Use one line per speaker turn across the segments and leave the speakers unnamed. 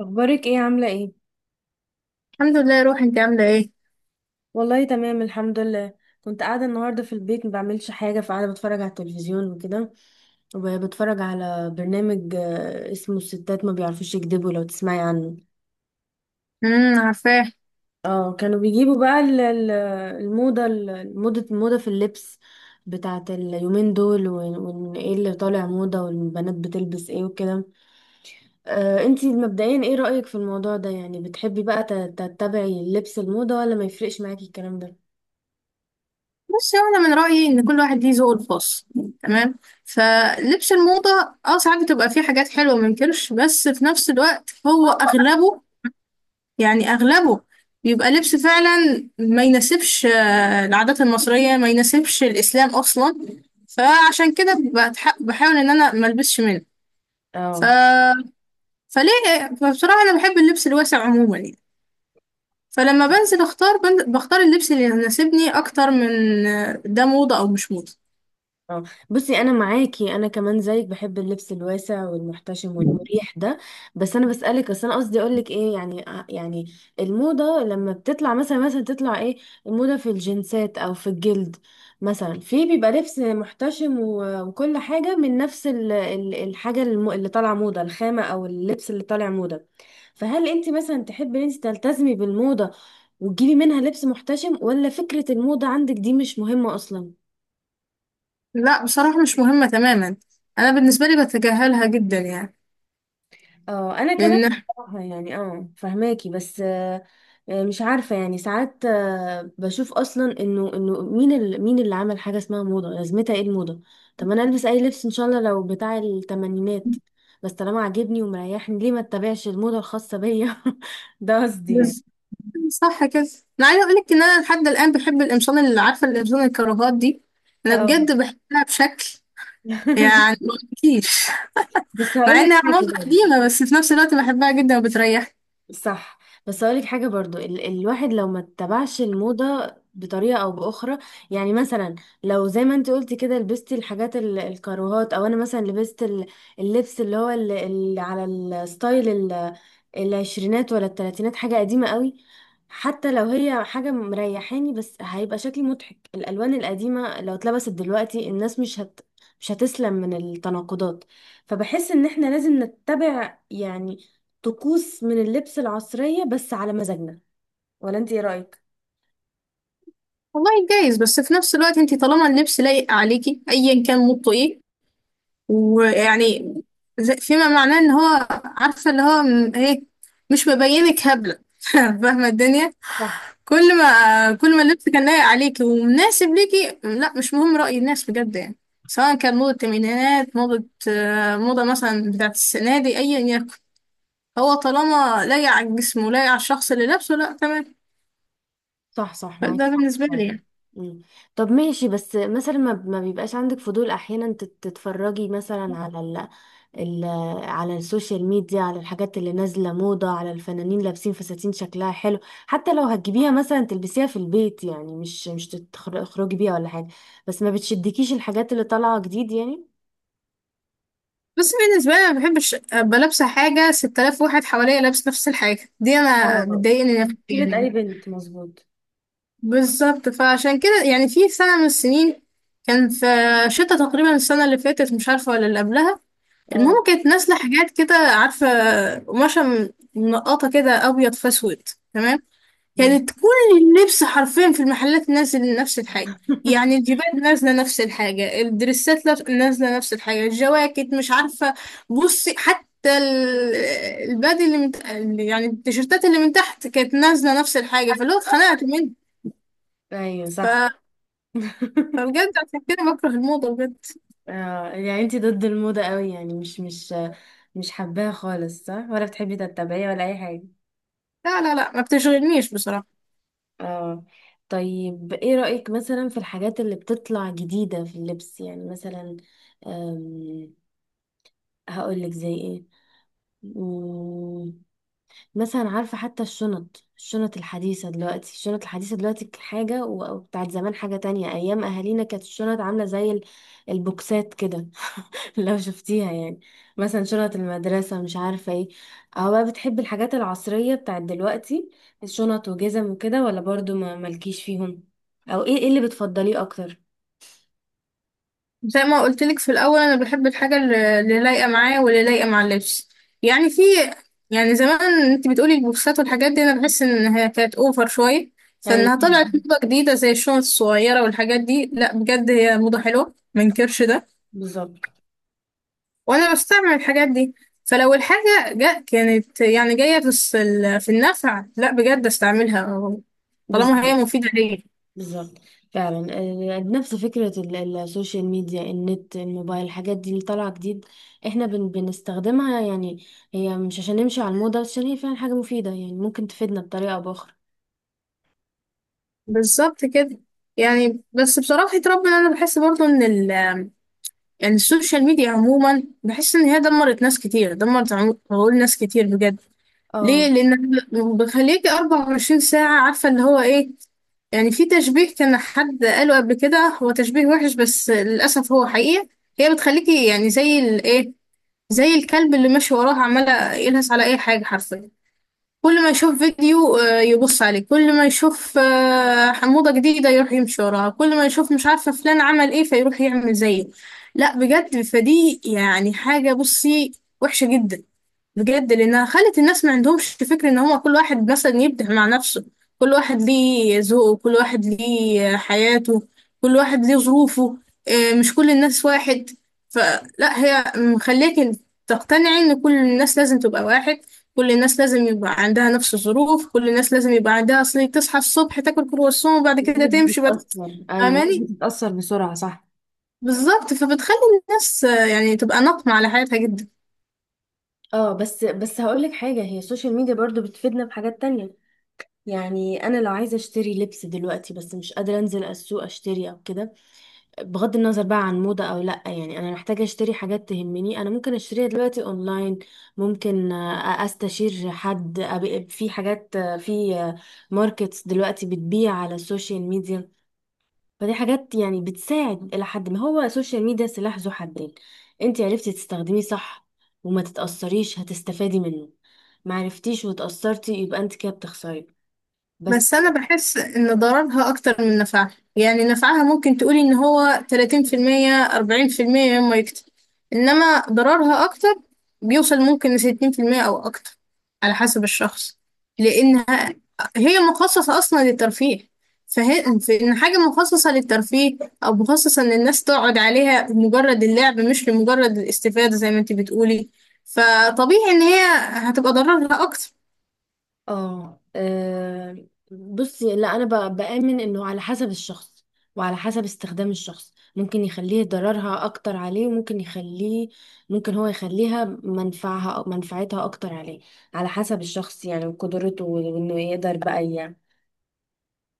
اخبارك ايه؟ عامله ايه؟
الحمد لله يا روحي، انت عامله ايه؟
والله تمام الحمد لله. كنت قاعده النهارده في البيت ما بعملش حاجه، فقاعده بتفرج على التلفزيون وكده. وبتفرج على برنامج اسمه الستات ما بيعرفوش يكذبوا، لو تسمعي عنه.
عارفاه.
اه، كانوا بيجيبوا بقى ال- ال- الموضه ال- موضه الموضه في اللبس بتاعت اليومين دول، وإن ايه اللي طالع موضه والبنات بتلبس ايه وكده. انتي مبدئيا ايه رأيك في الموضوع ده؟ يعني بتحبي بقى تتبعي لبس الموضه، ولا ما يفرقش معاكي الكلام ده؟
بس يعني انا من رايي ان كل واحد ليه ذوقه الخاص. تمام. فلبس الموضه، اه ساعات بتبقى فيه حاجات حلوه ما انكرش، بس في نفس الوقت هو اغلبه، يعني اغلبه بيبقى لبس فعلا ما يناسبش العادات المصريه، ما يناسبش الاسلام اصلا. فعشان كده بحاول ان انا ما البسش منه. ف...
اه،
فليه فبصراحه انا بحب اللبس الواسع عموما يعني. فلما بنزل اختار بختار اللبس اللي يناسبني اكتر من ده موضة او مش موضة.
اه. بصي، انا معاكي، انا كمان زيك بحب اللبس الواسع والمحتشم والمريح ده. بس انا بسالك، اصل انا قصدي اقول لك ايه، يعني يعني الموضه لما بتطلع، مثلا تطلع ايه، الموضه في الجنسات او في الجلد. مثلا في بيبقى لبس محتشم و- وكل حاجه من نفس اللي طالعه موضه، الخامه او اللبس اللي طالع موضه. فهل انت مثلا تحبي ان انت تلتزمي بالموضه وتجيبي منها لبس محتشم، ولا فكره الموضه عندك دي مش مهمه اصلا؟
لا، بصراحة مش مهمة تماما. انا بالنسبة لي بتجاهلها جدا يعني.
اه، انا كمان
لان
بصراحه يعني فهماكي، بس مش عارفه، يعني ساعات بشوف اصلا انه مين مين اللي عمل حاجه اسمها موضه، لازمتها ايه الموضه؟ طب ما انا البس اي لبس، ان شاء الله لو بتاع التمانينات، بس طالما عاجبني ومريحني، ليه ما اتبعش الموضه الخاصه بيا؟ ده قصدي يعني.
بس- صح كده. انا عايزة اقولك ان انا لحد الان بحب القمصان، اللي عارفة القمصان الكراهات دي، انا
اه.
بجد بحبها بشكل يعني ما اقولكيش.
بس هقول
مع
لك
انها
حاجه.
عملت قديمة بس في نفس الوقت بحبها جدا وبتريحني.
صح. بس اقولك حاجه برضو، الواحد لو ما اتبعش الموضه بطريقه او باخرى، يعني مثلا لو زي ما انت قلتي كده لبستي الحاجات الكاروهات، او انا مثلا لبست اللبس اللي هو اللي على الستايل العشرينات ولا التلاتينات، حاجه قديمه قوي. حتى لو هي حاجه مريحاني، بس هيبقى شكلي مضحك. الالوان القديمه لو اتلبست دلوقتي، الناس مش هتسلم من التناقضات. فبحس ان احنا لازم نتبع يعني طقوس من اللبس العصرية بس على مزاجنا، ولا انت ايه رأيك؟
والله جايز، بس في نفس الوقت انتي طالما اللبس لايق عليكي ايا كان موضته ايه، ويعني فيما معناه ان هو عارفه اللي هو ايه، مش مبينك هبله، فاهمه الدنيا.
صح،
كل ما اللبس كان لايق عليكي ومناسب ليكي، لا مش مهم راي الناس بجد يعني. سواء كان موضه الثمانينات، موضه مثلا بتاعت السنه دي ايا يكن، هو طالما لايق على الجسم ولايق على الشخص اللي لابسه، لا تمام.
صح، صح، معاك
ده
حق
بالنسبه
فعلا.
لي يعني.
مم. طب ماشي، بس مثلا ما بيبقاش عندك فضول احيانا تتفرجي مثلا على ال... على السوشيال ميديا، على الحاجات اللي نازلة موضة، على الفنانين لابسين فساتين شكلها حلو؟ حتى لو هتجيبيها مثلا تلبسيها في البيت يعني، مش تخرجي بيها ولا حاجة. بس ما بتشدكيش الحاجات اللي طالعة جديد يعني؟
بس بالنسبه لي ما بحبش ابقى لابسه حاجه 6000 واحد حواليا لابس نفس الحاجه دي، انا
اه.
بتضايقني نفسيا
مشكلة أي
يعني.
بنت، مظبوط.
بالظبط. فعشان كده يعني في سنة من السنين كان في شتاء، تقريبا السنة اللي فاتت مش عارفة ولا اللي قبلها،
اه،
المهم كانت نازلة حاجات كده عارفة، قماشة منقطة كده أبيض في أسود. تمام. كانت
ماشي.
كل اللبس حرفيا في المحلات نازل نفس الحاجة. يعني الجيبات نازلة نفس الحاجة، الدريسات نازلة نفس الحاجة، الجواكت مش عارفة، بصي حتى البادي اللي من يعني التيشيرتات اللي من تحت كانت نازلة نفس الحاجة. فاللي هو اتخنقت منه.
ايوه، صح.
فبجد عشان كده بكره الموضة بجد.
يعني انتي ضد الموضة قوي يعني، مش حباها خالص صح، ولا بتحبي تتبعيها ولا اي حاجة؟
لا لا لا، ما بتشغلنيش بصراحة.
اه. طيب ايه رأيك مثلا في الحاجات اللي بتطلع جديدة في اللبس، يعني مثلا أم... هقولك زي ايه. مم، مثلا عارفة، حتى الشنط الحديثة دلوقتي، الشنط الحديثة دلوقتي حاجة، و- وبتاعت زمان حاجة تانية. أيام أهالينا كانت الشنط عاملة زي البوكسات كده، لو شفتيها يعني، مثلا شنط المدرسة مش عارفة ايه. او بقى بتحب الحاجات العصرية بتاعت دلوقتي، الشنط وجزم وكده، ولا برضو ما مالكيش فيهم؟ او ايه اللي بتفضليه اكتر؟
زي ما قلت لك في الأول، أنا بحب الحاجة اللي لايقة معايا واللي لايقة مع اللبس يعني. في يعني زمان أنت بتقولي البوكسات والحاجات دي، أنا بحس إنها كانت أوفر شوية.
ايوه.
فإنها طلعت موضة جديدة زي الشنط الصغيرة والحاجات دي، لا بجد هي موضة حلوة منكرش ده.
بالظبط.
وأنا بستعمل الحاجات دي. فلو الحاجة كانت يعني جاية في النفع، لا بجد استعملها. طالما هي
بالظبط.
مفيدة ليا.
بالظبط فعلا. نفس فكرة السوشيال ميديا، النت، الموبايل، الحاجات دي اللي طالعة جديد، احنا بنستخدمها يعني. هي مش عشان نمشي على الموضة، بس عشان هي فعلا حاجة مفيدة، يعني ممكن تفيدنا بطريقة او باخرى.
بالظبط كده. يعني بس بصراحة ربنا، أنا بحس برضو إن يعني السوشيال ميديا عموما، بحس إن هي دمرت ناس كتير، دمرت عقول ناس كتير بجد. ليه؟
اه.
لأن بخليكي 24 ساعة عارفة اللي هو إيه. يعني في تشبيه كان حد قاله قبل كده، هو تشبيه وحش بس للأسف هو حقيقة، هي بتخليكي يعني زي الكلب اللي ماشي وراه عمالة يلهث على أي حاجة حرفيا. كل ما يشوف فيديو يبص عليه، كل ما يشوف حموضة جديدة يروح يمشي وراها، كل ما يشوف مش عارفة فلان عمل ايه فيروح يعمل زيه. لا بجد فدي يعني حاجة، بصي، وحشة جدا بجد. لانها خلت الناس ما عندهمش فكرة ان هو كل واحد مثلا يبدع مع نفسه. كل واحد ليه ذوقه، كل واحد ليه حياته، كل واحد ليه ظروفه. مش كل الناس واحد. فلا هي مخليك تقتنعي ان كل الناس لازم تبقى واحد، كل الناس لازم يبقى عندها نفس الظروف، كل الناس لازم يبقى عندها اصل تصحى الصبح تاكل كرواسون وبعد كده
الناس
تمشي بعد.
بتتأثر، أيوة. الناس
فاهماني؟
بتتأثر بسرعة، صح.
بالظبط. فبتخلي الناس يعني تبقى ناقمة على حياتها جدا.
اه. بس هقولك حاجة، هي السوشيال ميديا برضو بتفيدنا بحاجات تانية. يعني انا لو عايزة اشتري لبس دلوقتي، بس مش قادرة انزل السوق اشتري او كده، بغض النظر بقى عن موضة او لا، يعني انا محتاجة اشتري حاجات تهمني، انا ممكن اشتريها دلوقتي اونلاين. ممكن استشير حد، في حاجات، في ماركتس دلوقتي بتبيع على السوشيال ميديا. فدي حاجات يعني بتساعد إلى حد ما. هو السوشيال ميديا سلاح ذو حدين، انت عرفتي تستخدميه صح وما تتأثريش، هتستفادي منه. ما عرفتيش وتأثرتي، يبقى انت كده بتخسري بس.
بس أنا بحس إن ضررها أكتر من نفعها. يعني نفعها ممكن تقولي إن هو 30%، 40% مما يكتب، إنما ضررها أكتر، بيوصل ممكن ل60% أو أكتر، على حسب الشخص. لأنها هي مخصصة أصلا للترفيه. فهي في إن حاجة مخصصة للترفيه أو مخصصة إن الناس تقعد عليها لمجرد اللعب، مش لمجرد الاستفادة زي ما أنت بتقولي، فطبيعي إن هي هتبقى ضررها أكتر.
اه. بصي، لا انا بآمن انه على حسب الشخص، وعلى حسب استخدام الشخص، ممكن يخليه ضررها اكتر عليه، وممكن يخليه ممكن هو يخليها منفعتها اكتر عليه. على حسب الشخص يعني، وقدرته، وانه يقدر بقى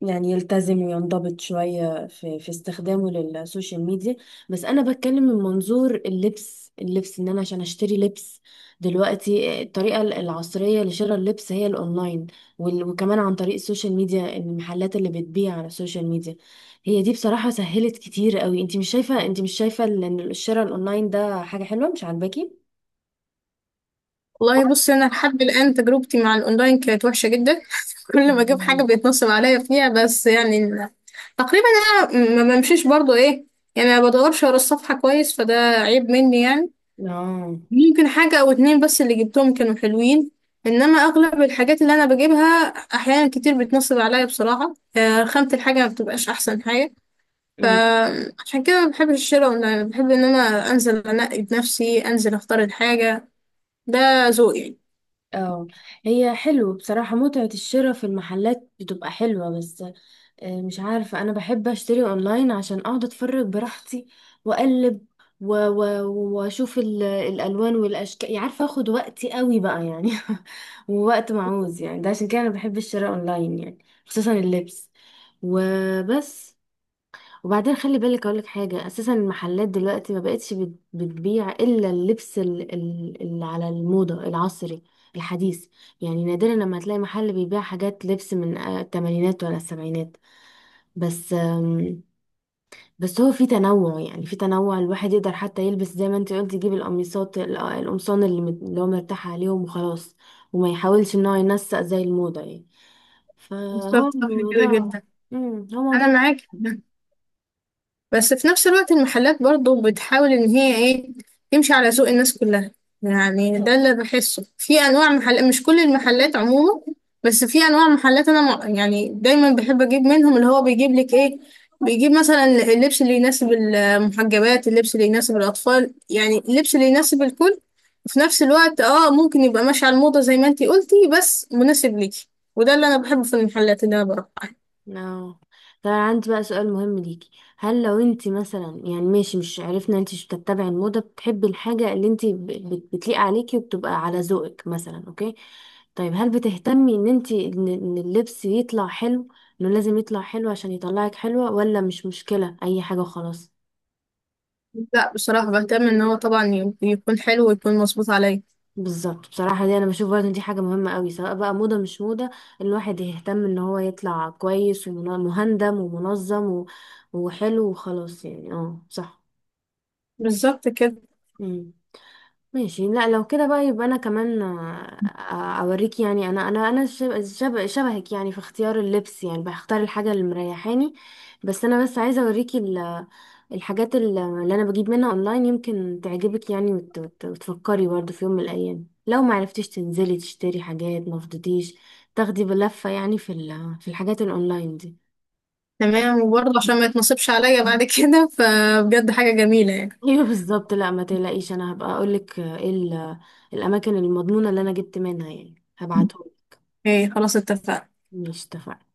يعني يلتزم وينضبط شوية في استخدامه للسوشيال ميديا. بس أنا بتكلم من منظور اللبس، اللبس إن أنا عشان أشتري لبس دلوقتي، الطريقة العصرية لشراء اللبس هي الأونلاين، وكمان عن طريق السوشيال ميديا، المحلات اللي بتبيع على السوشيال ميديا. هي دي بصراحة سهلت كتير قوي. انت مش شايفة إن الشراء الأونلاين ده حاجة حلوة مش عاجباكي؟
والله بصي، انا لحد الان تجربتي مع الاونلاين كانت وحشه جدا. كل ما اجيب حاجه
مم.
بيتنصب عليا فيها، بس يعني تقريبا انا ما بمشيش برضو ايه، يعني ما بدورش ورا الصفحه كويس، فده عيب مني يعني.
اه.
يمكن حاجه او اتنين بس اللي جبتهم كانوا حلوين، انما اغلب الحاجات اللي انا بجيبها احيانا كتير بتنصب عليا بصراحه، خامه الحاجه ما بتبقاش احسن حاجه.
أمم،
فعشان كده ما بحبش الشراء اونلاين، بحب ان انا انزل انقي بنفسي، انزل اختار الحاجه. ده ذوقي يعني.
اه، هي حلو بصراحة، متعة الشراء في المحلات بتبقى حلوة، بس مش عارفة، أنا بحب أشتري أونلاين عشان أقعد أتفرج براحتي، وأقلب، و- و- وأشوف الألوان والأشكال، يعني عارفة أخد وقتي قوي بقى يعني، ووقت معوز يعني، ده عشان كده أنا بحب الشراء أونلاين يعني، خصوصا اللبس وبس. وبعدين خلي بالك، أقولك حاجة، أساسا المحلات دلوقتي ما بقتش بتبيع إلا اللبس اللي على الموضة العصري الحديث. يعني نادرا لما تلاقي محل بيبيع حاجات لبس من التمانينات ولا السبعينات. بس بس هو في تنوع، يعني في تنوع الواحد يقدر حتى يلبس زي ما انت قلت، يجيب القمصان اللي اللي هو مرتاح عليهم وخلاص، وما يحاولش ان هو ينسق زي الموضة يعني. فهو
بالظبط، صح كده
الموضوع.
جدا.
هو
انا
موضوع.
معاك في ده. بس في نفس الوقت المحلات برضو بتحاول ان هي ايه، تمشي على ذوق الناس كلها. يعني ده اللي بحسه في انواع محلات، مش كل المحلات عموما، بس في انواع محلات انا يعني دايما بحب اجيب منهم، اللي هو بيجيب لك ايه، بيجيب مثلا اللبس اللي يناسب المحجبات، اللبس اللي يناسب الاطفال، يعني اللبس اللي يناسب الكل. في نفس الوقت ممكن يبقى ماشي على الموضة زي ما انتي قلتي بس مناسب ليكي. وده اللي انا بحبه في المحلات اللي انا بروح.
اه. طب انا عندي بقى سؤال مهم ليكي. هل لو انت مثلا، يعني ماشي، مش عرفنا انت مش بتتبعي الموضة، بتحبي الحاجة اللي انت بتليق عليكي وبتبقى على ذوقك مثلا، اوكي. طيب هل بتهتمي ان انت إن اللبس يطلع حلو، انه لازم يطلع حلو عشان يطلعك حلوة، ولا مش مشكلة اي حاجة خلاص؟
لا بصراحة بهتم ان هو طبعا يكون حلو ويكون مظبوط عليا.
بالظبط. بصراحة دي انا بشوف برضه إن دي حاجة مهمة قوي، سواء بقى موضة مش موضة، الواحد يهتم ان هو يطلع كويس ومهندم ومنظم و- وحلو وخلاص يعني، اه صح.
بالظبط كده.
مم. ماشي. لا لو كده بقى يبقى انا كمان اوريك يعني، انا شبهك يعني في اختيار اللبس، يعني بختار الحاجه اللي مريحاني. بس انا بس عايزه اوريكي الحاجات اللي انا بجيب منها اونلاين، يمكن تعجبك يعني، وتفكري برضه في يوم من الايام لو ما عرفتيش تنزلي تشتري حاجات ما فضيتيش، تاخدي بلفه يعني في في الحاجات الاونلاين دي.
تمام، وبرضه عشان ما يتنصبش عليا بعد كده فبجد حاجة جميلة يعني.
ايوه، بالظبط. لا ما تقلقيش، انا هبقى اقولك ايه الاماكن المضمونه اللي انا جبت منها، يعني هبعتهم.
ايه خلاص اتفقنا.
مش اتفقنا.